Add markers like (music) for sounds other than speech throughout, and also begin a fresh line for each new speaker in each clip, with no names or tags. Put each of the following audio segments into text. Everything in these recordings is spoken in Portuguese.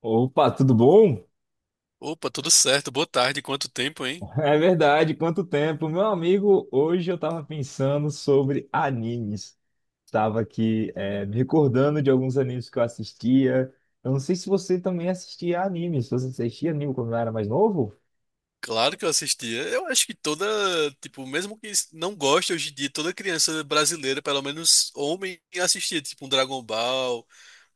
Opa, tudo bom?
Opa, tudo certo. Boa tarde. Quanto tempo, hein?
É verdade, quanto tempo. Meu amigo, hoje eu estava pensando sobre animes. Estava aqui, me recordando de alguns animes que eu assistia. Eu não sei se você também assistia animes. Você assistia anime quando era mais novo?
Claro que eu assistia. Eu acho que toda, tipo, mesmo que não goste hoje em dia, toda criança brasileira, pelo menos homem, assistia, tipo, um Dragon Ball,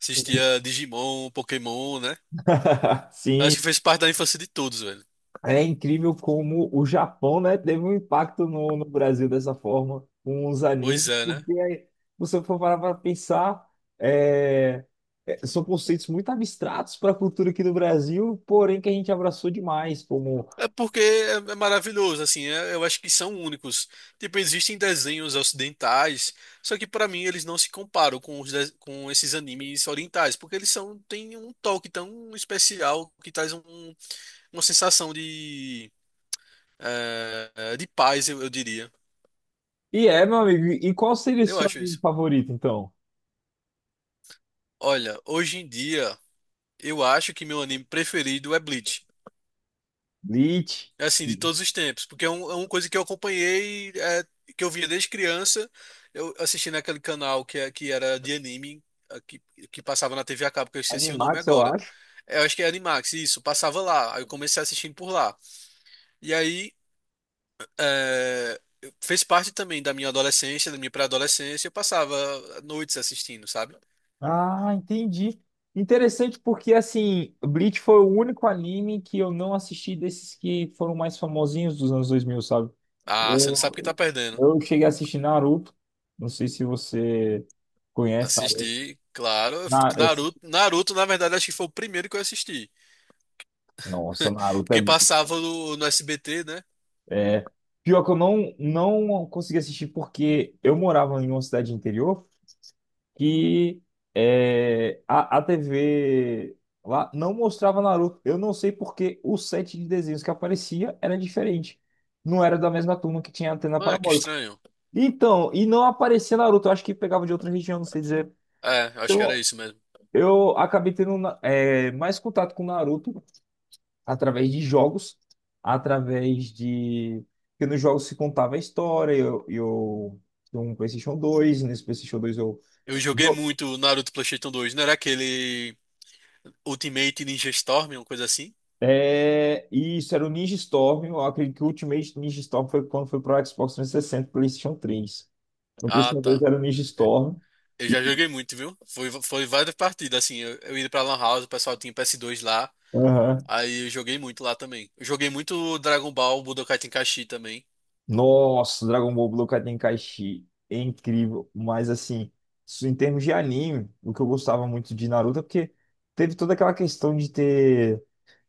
assistia Digimon, Pokémon, né?
(laughs)
Acho que
Sim.
fez parte da infância de todos, velho.
É incrível como o Japão, né, teve um impacto no Brasil dessa forma, com os
Pois
animes,
é, né?
porque aí, você for parar para pensar, é, são conceitos muito abstratos para a cultura aqui do Brasil, porém que a gente abraçou demais, como...
É porque é maravilhoso, assim, eu acho que são únicos. Tipo, existem desenhos ocidentais, só que pra mim eles não se comparam com com esses animes orientais, porque eles são têm um toque tão especial que traz uma sensação de de paz, eu diria.
E é, meu amigo, e qual seria o
Eu
seu
acho
anime
isso.
favorito, então?
Olha, hoje em dia eu acho que meu anime preferido é Bleach.
Bleach,
Assim, de todos os tempos, porque é uma coisa que eu acompanhei, é, que eu via desde criança, eu assisti naquele canal que era de anime, é, que, que passava na TV a cabo, que eu esqueci o nome
Animax, eu
agora.
acho.
É, eu acho que é Animax, isso, passava lá, aí eu comecei assistindo por lá. E aí, é, fez parte também da minha adolescência, da minha pré-adolescência, eu passava noites assistindo, sabe?
Ah, entendi. Interessante porque, assim, Bleach foi o único anime que eu não assisti desses que foram mais famosinhos dos anos dois mil, sabe?
Ah, você não sabe o que tá
Eu,
perdendo.
eu cheguei a assistir Naruto. Não sei se você conhece Naruto.
Assisti, claro.
Na, esse-
Naruto, na verdade, acho que foi o primeiro que eu assisti.
nossa,
(laughs)
Naruto é
Porque
muito.
passava no SBT, né?
É, pior que eu não consegui assistir porque eu morava em uma cidade interior. Que é, a TV lá não mostrava Naruto. Eu não sei porque o set de desenhos que aparecia era diferente. Não era da mesma turma que tinha antena
Ah, que
parabólica.
estranho.
Então, e não aparecia Naruto. Eu acho que pegava de outra região, não sei dizer.
É, acho que era
Então,
isso mesmo.
eu acabei tendo mais contato com Naruto através de jogos, através de... Porque nos jogos se contava a história, tinha um PlayStation 2, nesse PlayStation dois eu
Eu joguei muito o Naruto PlayStation dois. Não era aquele Ultimate Ninja Storm, uma coisa assim?
é, isso era o Ninja Storm. Eu acredito que o Ultimate Ninja Storm foi quando foi para o Xbox 360 e PlayStation 3. No
Ah,
PlayStation 2
tá.
era o Ninja
É,
Storm.
eu já
E-
joguei muito, viu? Foi várias partidas, assim. Eu ia pra Lan House, o pessoal tinha ps dois lá.
Aham.
Aí eu joguei muito lá também. Eu joguei muito Dragon Ball, Budokai Tenkaichi também.
Nossa, Dragon Ball Budokai Tenkaichi. É incrível. Mas, assim, isso em termos de anime, o que eu gostava muito de Naruto é porque teve toda aquela questão de ter.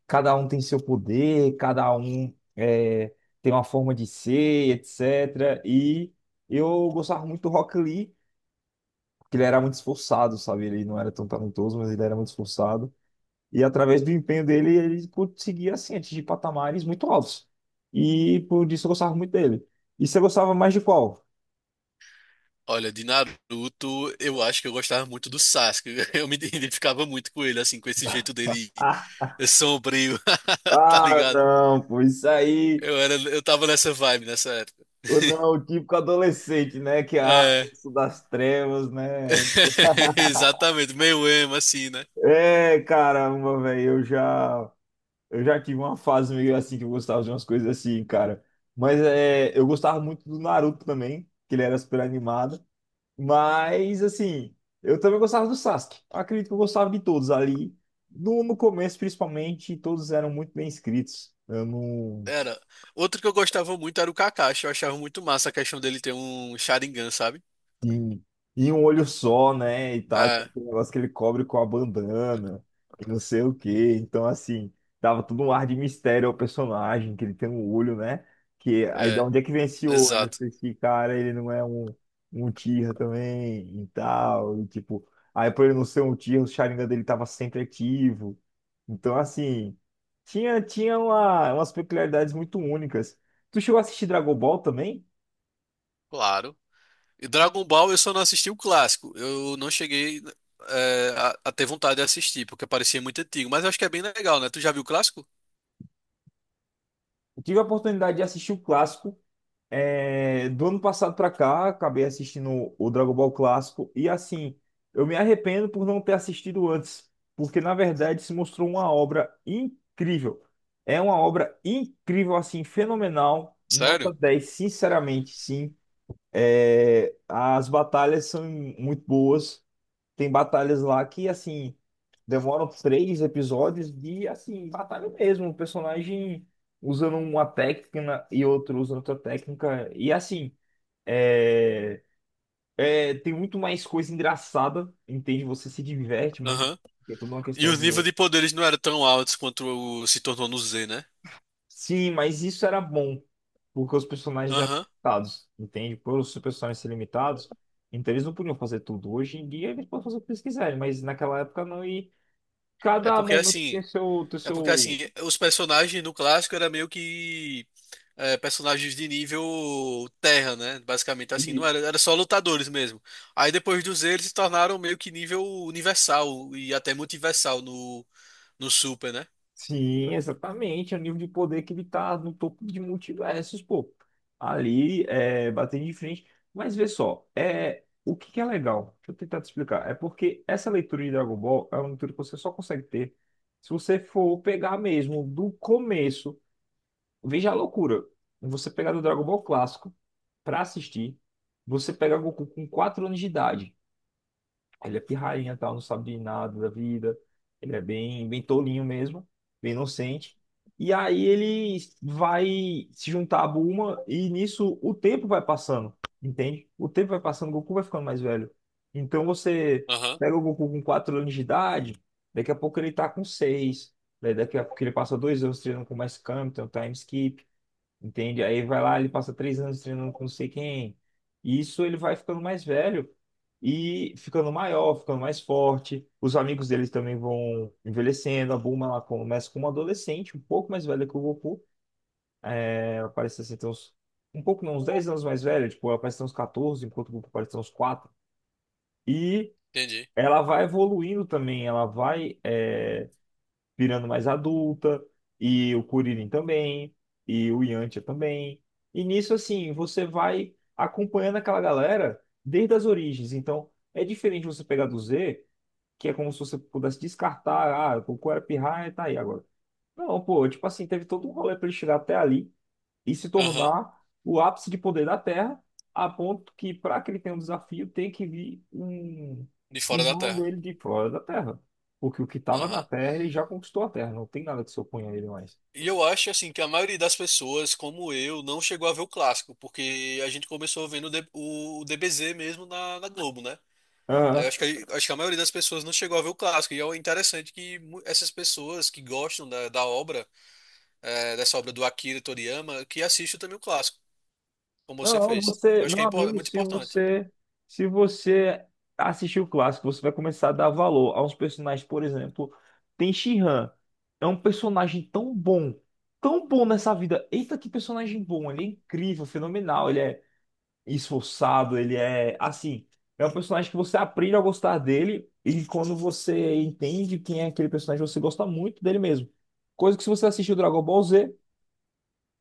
Cada um tem seu poder, tem uma forma de ser, etc. E eu gostava muito do Rock Lee, que ele era muito esforçado, sabe? Ele não era tão talentoso, mas ele era muito esforçado. E através do empenho dele, ele conseguia, assim, atingir patamares muito altos. E por isso eu gostava muito dele. E você gostava mais de qual?
Olha, de Naruto, eu acho que eu gostava muito do Sasuke. (laughs) Eu me identificava muito com ele, assim, com esse jeito dele
Ah,
sombrio, (laughs) tá
ah,
ligado?
não, pô, isso aí.
Eu era, eu tava nessa vibe nessa época.
O não,
(laughs)
o típico adolescente, né? Que é ah,
É,
isso das trevas, né?
(laughs) exatamente, meio emo, assim, né?
É, caramba, velho, eu já tive uma fase meio assim que eu gostava de umas coisas assim, cara. Mas é, eu gostava muito do Naruto também, que ele era super animado. Mas, assim, eu também gostava do Sasuke. Acredito que eu gostava de todos ali. No começo, principalmente, todos eram muito bem escritos. Eu não.
Era. Outro que eu gostava muito era o Kakashi. Eu achava muito massa a questão dele ter um Sharingan, sabe?
Sim. E um olho só, né? E tal, tinha
É,
aquele negócio que ele cobre com a bandana e não sei o quê. Então, assim, dava todo um ar de mistério ao personagem, que ele tem um olho, né? Que aí da
é,
onde é que vem esse olho?
exato.
Esse cara, ele não é um, um Tira também e tal. E, tipo, aí por ele não ser um Tira, o Sharingan dele tava sempre ativo. Então, assim, umas peculiaridades muito únicas. Tu chegou a assistir Dragon Ball também?
Claro. E Dragon Ball eu só não assisti o clássico. Eu não cheguei, é, a ter vontade de assistir, porque parecia muito antigo. Mas eu acho que é bem legal, né? Tu já viu o clássico?
Eu tive a oportunidade de assistir o clássico. É, do ano passado pra cá, acabei assistindo o Dragon Ball Clássico e assim, eu me arrependo por não ter assistido antes, porque na verdade se mostrou uma obra incrível. É uma obra incrível, assim, fenomenal, nota
Sério?
10. Sinceramente, sim. É, as batalhas são muito boas, tem batalhas lá que, assim, demoram três episódios de, assim, batalha mesmo. O personagem usando uma técnica e outro usando outra técnica. E, assim, é, tem muito mais coisa engraçada, entende? Você se diverte muito.
Aham.
É tudo uma
E
questão
os níveis
de...
de poderes não eram tão altos quanto se tornou no Z, né?
Sim, mas isso era bom, porque os personagens eram
Aham.
limitados, entende? Por os personagens serem limitados, então eles não podiam fazer tudo. Hoje em dia eles podem fazer o que eles quiserem, mas naquela época não. E
É
cada
porque
momento
assim.
tem
É porque
seu...
assim, os personagens no clássico era meio que, é, personagens de nível terra, né? Basicamente assim, não
Isso.
era, era só lutadores mesmo. Aí depois dos eles se tornaram meio que nível universal e até multiversal no Super, né?
Sim, exatamente. É o nível de poder que ele tá no topo de multiversos, pô. Ali, é, batendo de frente. Mas vê só, é, o que que é legal? Deixa eu tentar te explicar. É porque essa leitura de Dragon Ball é uma leitura que você só consegue ter se você for pegar mesmo do começo. Veja a loucura. Você pegar do Dragon Ball clássico pra assistir, você pega Goku com 4 anos de idade. Ele é pirrainha, tal, não sabe de nada da vida. Ele é bem tolinho mesmo, bem inocente. E aí ele vai se juntar a Bulma e nisso o tempo vai passando, entende? O tempo vai passando, o Goku vai ficando mais velho. Então você
Aham,
pega o Goku com 4 anos de idade, daqui a pouco ele tá com 6, daqui a pouco ele passa dois anos treinando com mais Kami, tem o time skip. Entende? Aí vai lá, ele passa três anos treinando com não sei quem. E isso ele vai ficando mais velho e ficando maior, ficando mais forte. Os amigos deles também vão envelhecendo. A Bulma ela começa como adolescente, um pouco mais velha que o Goku. Né? Ela parece assim, ter uns, um pouco, não, uns 10 anos mais velha. Tipo, ela parece ter uns 14, enquanto o Goku parece ter uns quatro. E
entendi.
ela vai evoluindo também. Ela vai virando mais adulta, e o Kuririn também, e o Yantia também. E nisso, assim, você vai acompanhando aquela galera desde as origens. Então, é diferente você pegar do Z, que é como se você pudesse descartar, ah, o Goku era pirraia, tá aí agora. Não, pô, tipo assim, teve todo um rolê pra ele chegar até ali e se
Aham,
tornar o ápice de poder da Terra, a ponto que, para que ele tenha um desafio, tem que vir
de
um
fora da
irmão
Terra.
dele de fora da Terra. Porque o que estava na
Aham.
Terra, ele já conquistou a Terra, não tem nada que se oponha a ele mais.
E eu acho assim que a maioria das pessoas, como eu, não chegou a ver o clássico, porque a gente começou vendo o DBZ mesmo na Globo, né? Aí eu
Aham.
acho que, acho que a maioria das pessoas não chegou a ver o clássico. E é interessante que essas pessoas que gostam da obra, é, dessa obra do Akira Toriyama, que assistem também o clássico, como você
Não,
fez.
você,
Eu acho que
meu
é, é
amigo,
muito importante.
se você assistir o clássico, você vai começar a dar valor a uns personagens, por exemplo, tem she é um personagem tão bom nessa vida. Eita, que personagem bom! Ele é incrível, fenomenal. Ele é esforçado, ele é assim, é um personagem que você aprende a gostar dele e quando você entende quem é aquele personagem, você gosta muito dele mesmo. Coisa que se você assistir o Dragon Ball Z,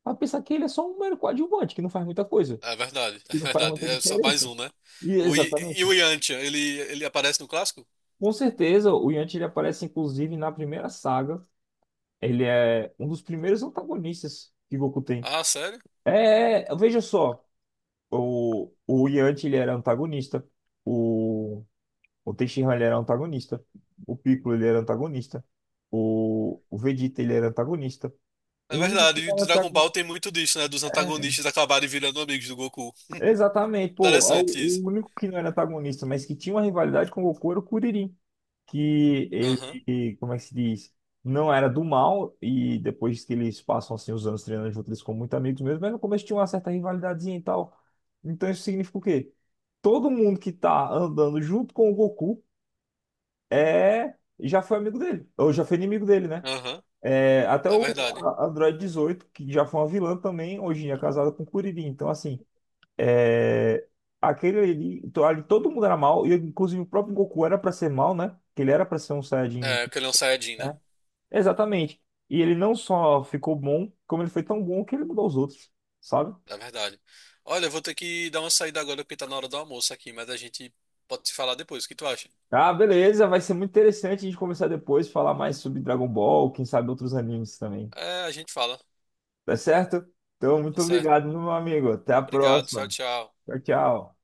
vai pensar que ele é só um mero coadjuvante, que não faz muita coisa,
É verdade, (laughs) é
que não faz
verdade.
muita
É só mais
diferença.
um, né?
E
E
exatamente.
o Yantia, ele aparece no clássico?
Com certeza, o Yanti ele aparece inclusive na primeira saga. Ele é um dos primeiros antagonistas que Goku tem.
Ah, sério?
Veja só, o Yanti ele era antagonista. O O Teixeira ele era antagonista. O Piccolo ele era antagonista. O Vegeta ele era antagonista. O
É
único que
verdade. E
não era
Dragon Ball
antagonista.
tem muito disso, né? Dos antagonistas acabarem virando amigos do Goku.
Exatamente, pô.
Interessante isso.
O único que não era antagonista, mas que tinha uma rivalidade com o Goku era o Kuririn. Que
Aham,
ele, como é que se diz? Não era do mal. E depois que eles passam assim, os anos treinando junto, eles ficam muito amigos mesmo. Mas no começo tinha uma certa rivalidadezinha e tal. Então isso significa o quê? Todo mundo que tá andando junto com o Goku é, já foi amigo dele, ou já foi inimigo dele, né?
aham.
É, até
É verdade.
Android dezoito que já foi uma vilã também, hoje em dia é casada com o Kuririn. Então, assim, é, ali, todo mundo era mal, e inclusive o próprio Goku era pra ser mal, né? Que ele era pra ser um Saiyajin,
É, porque ele é um Saiyajin, né?
né? Exatamente. E ele não só ficou bom, como ele foi tão bom que ele mudou os outros, sabe?
É verdade. Olha, eu vou ter que dar uma saída agora porque tá na hora do almoço aqui, mas a gente pode se falar depois. O que tu acha?
Ah, beleza, vai ser muito interessante a gente conversar depois, falar mais sobre Dragon Ball, quem sabe outros animes também.
É, a gente fala.
Tá certo? Então,
Tá
muito
certo.
obrigado, meu amigo. Até a
Obrigado. Tchau,
próxima.
tchau.
Tchau, tchau.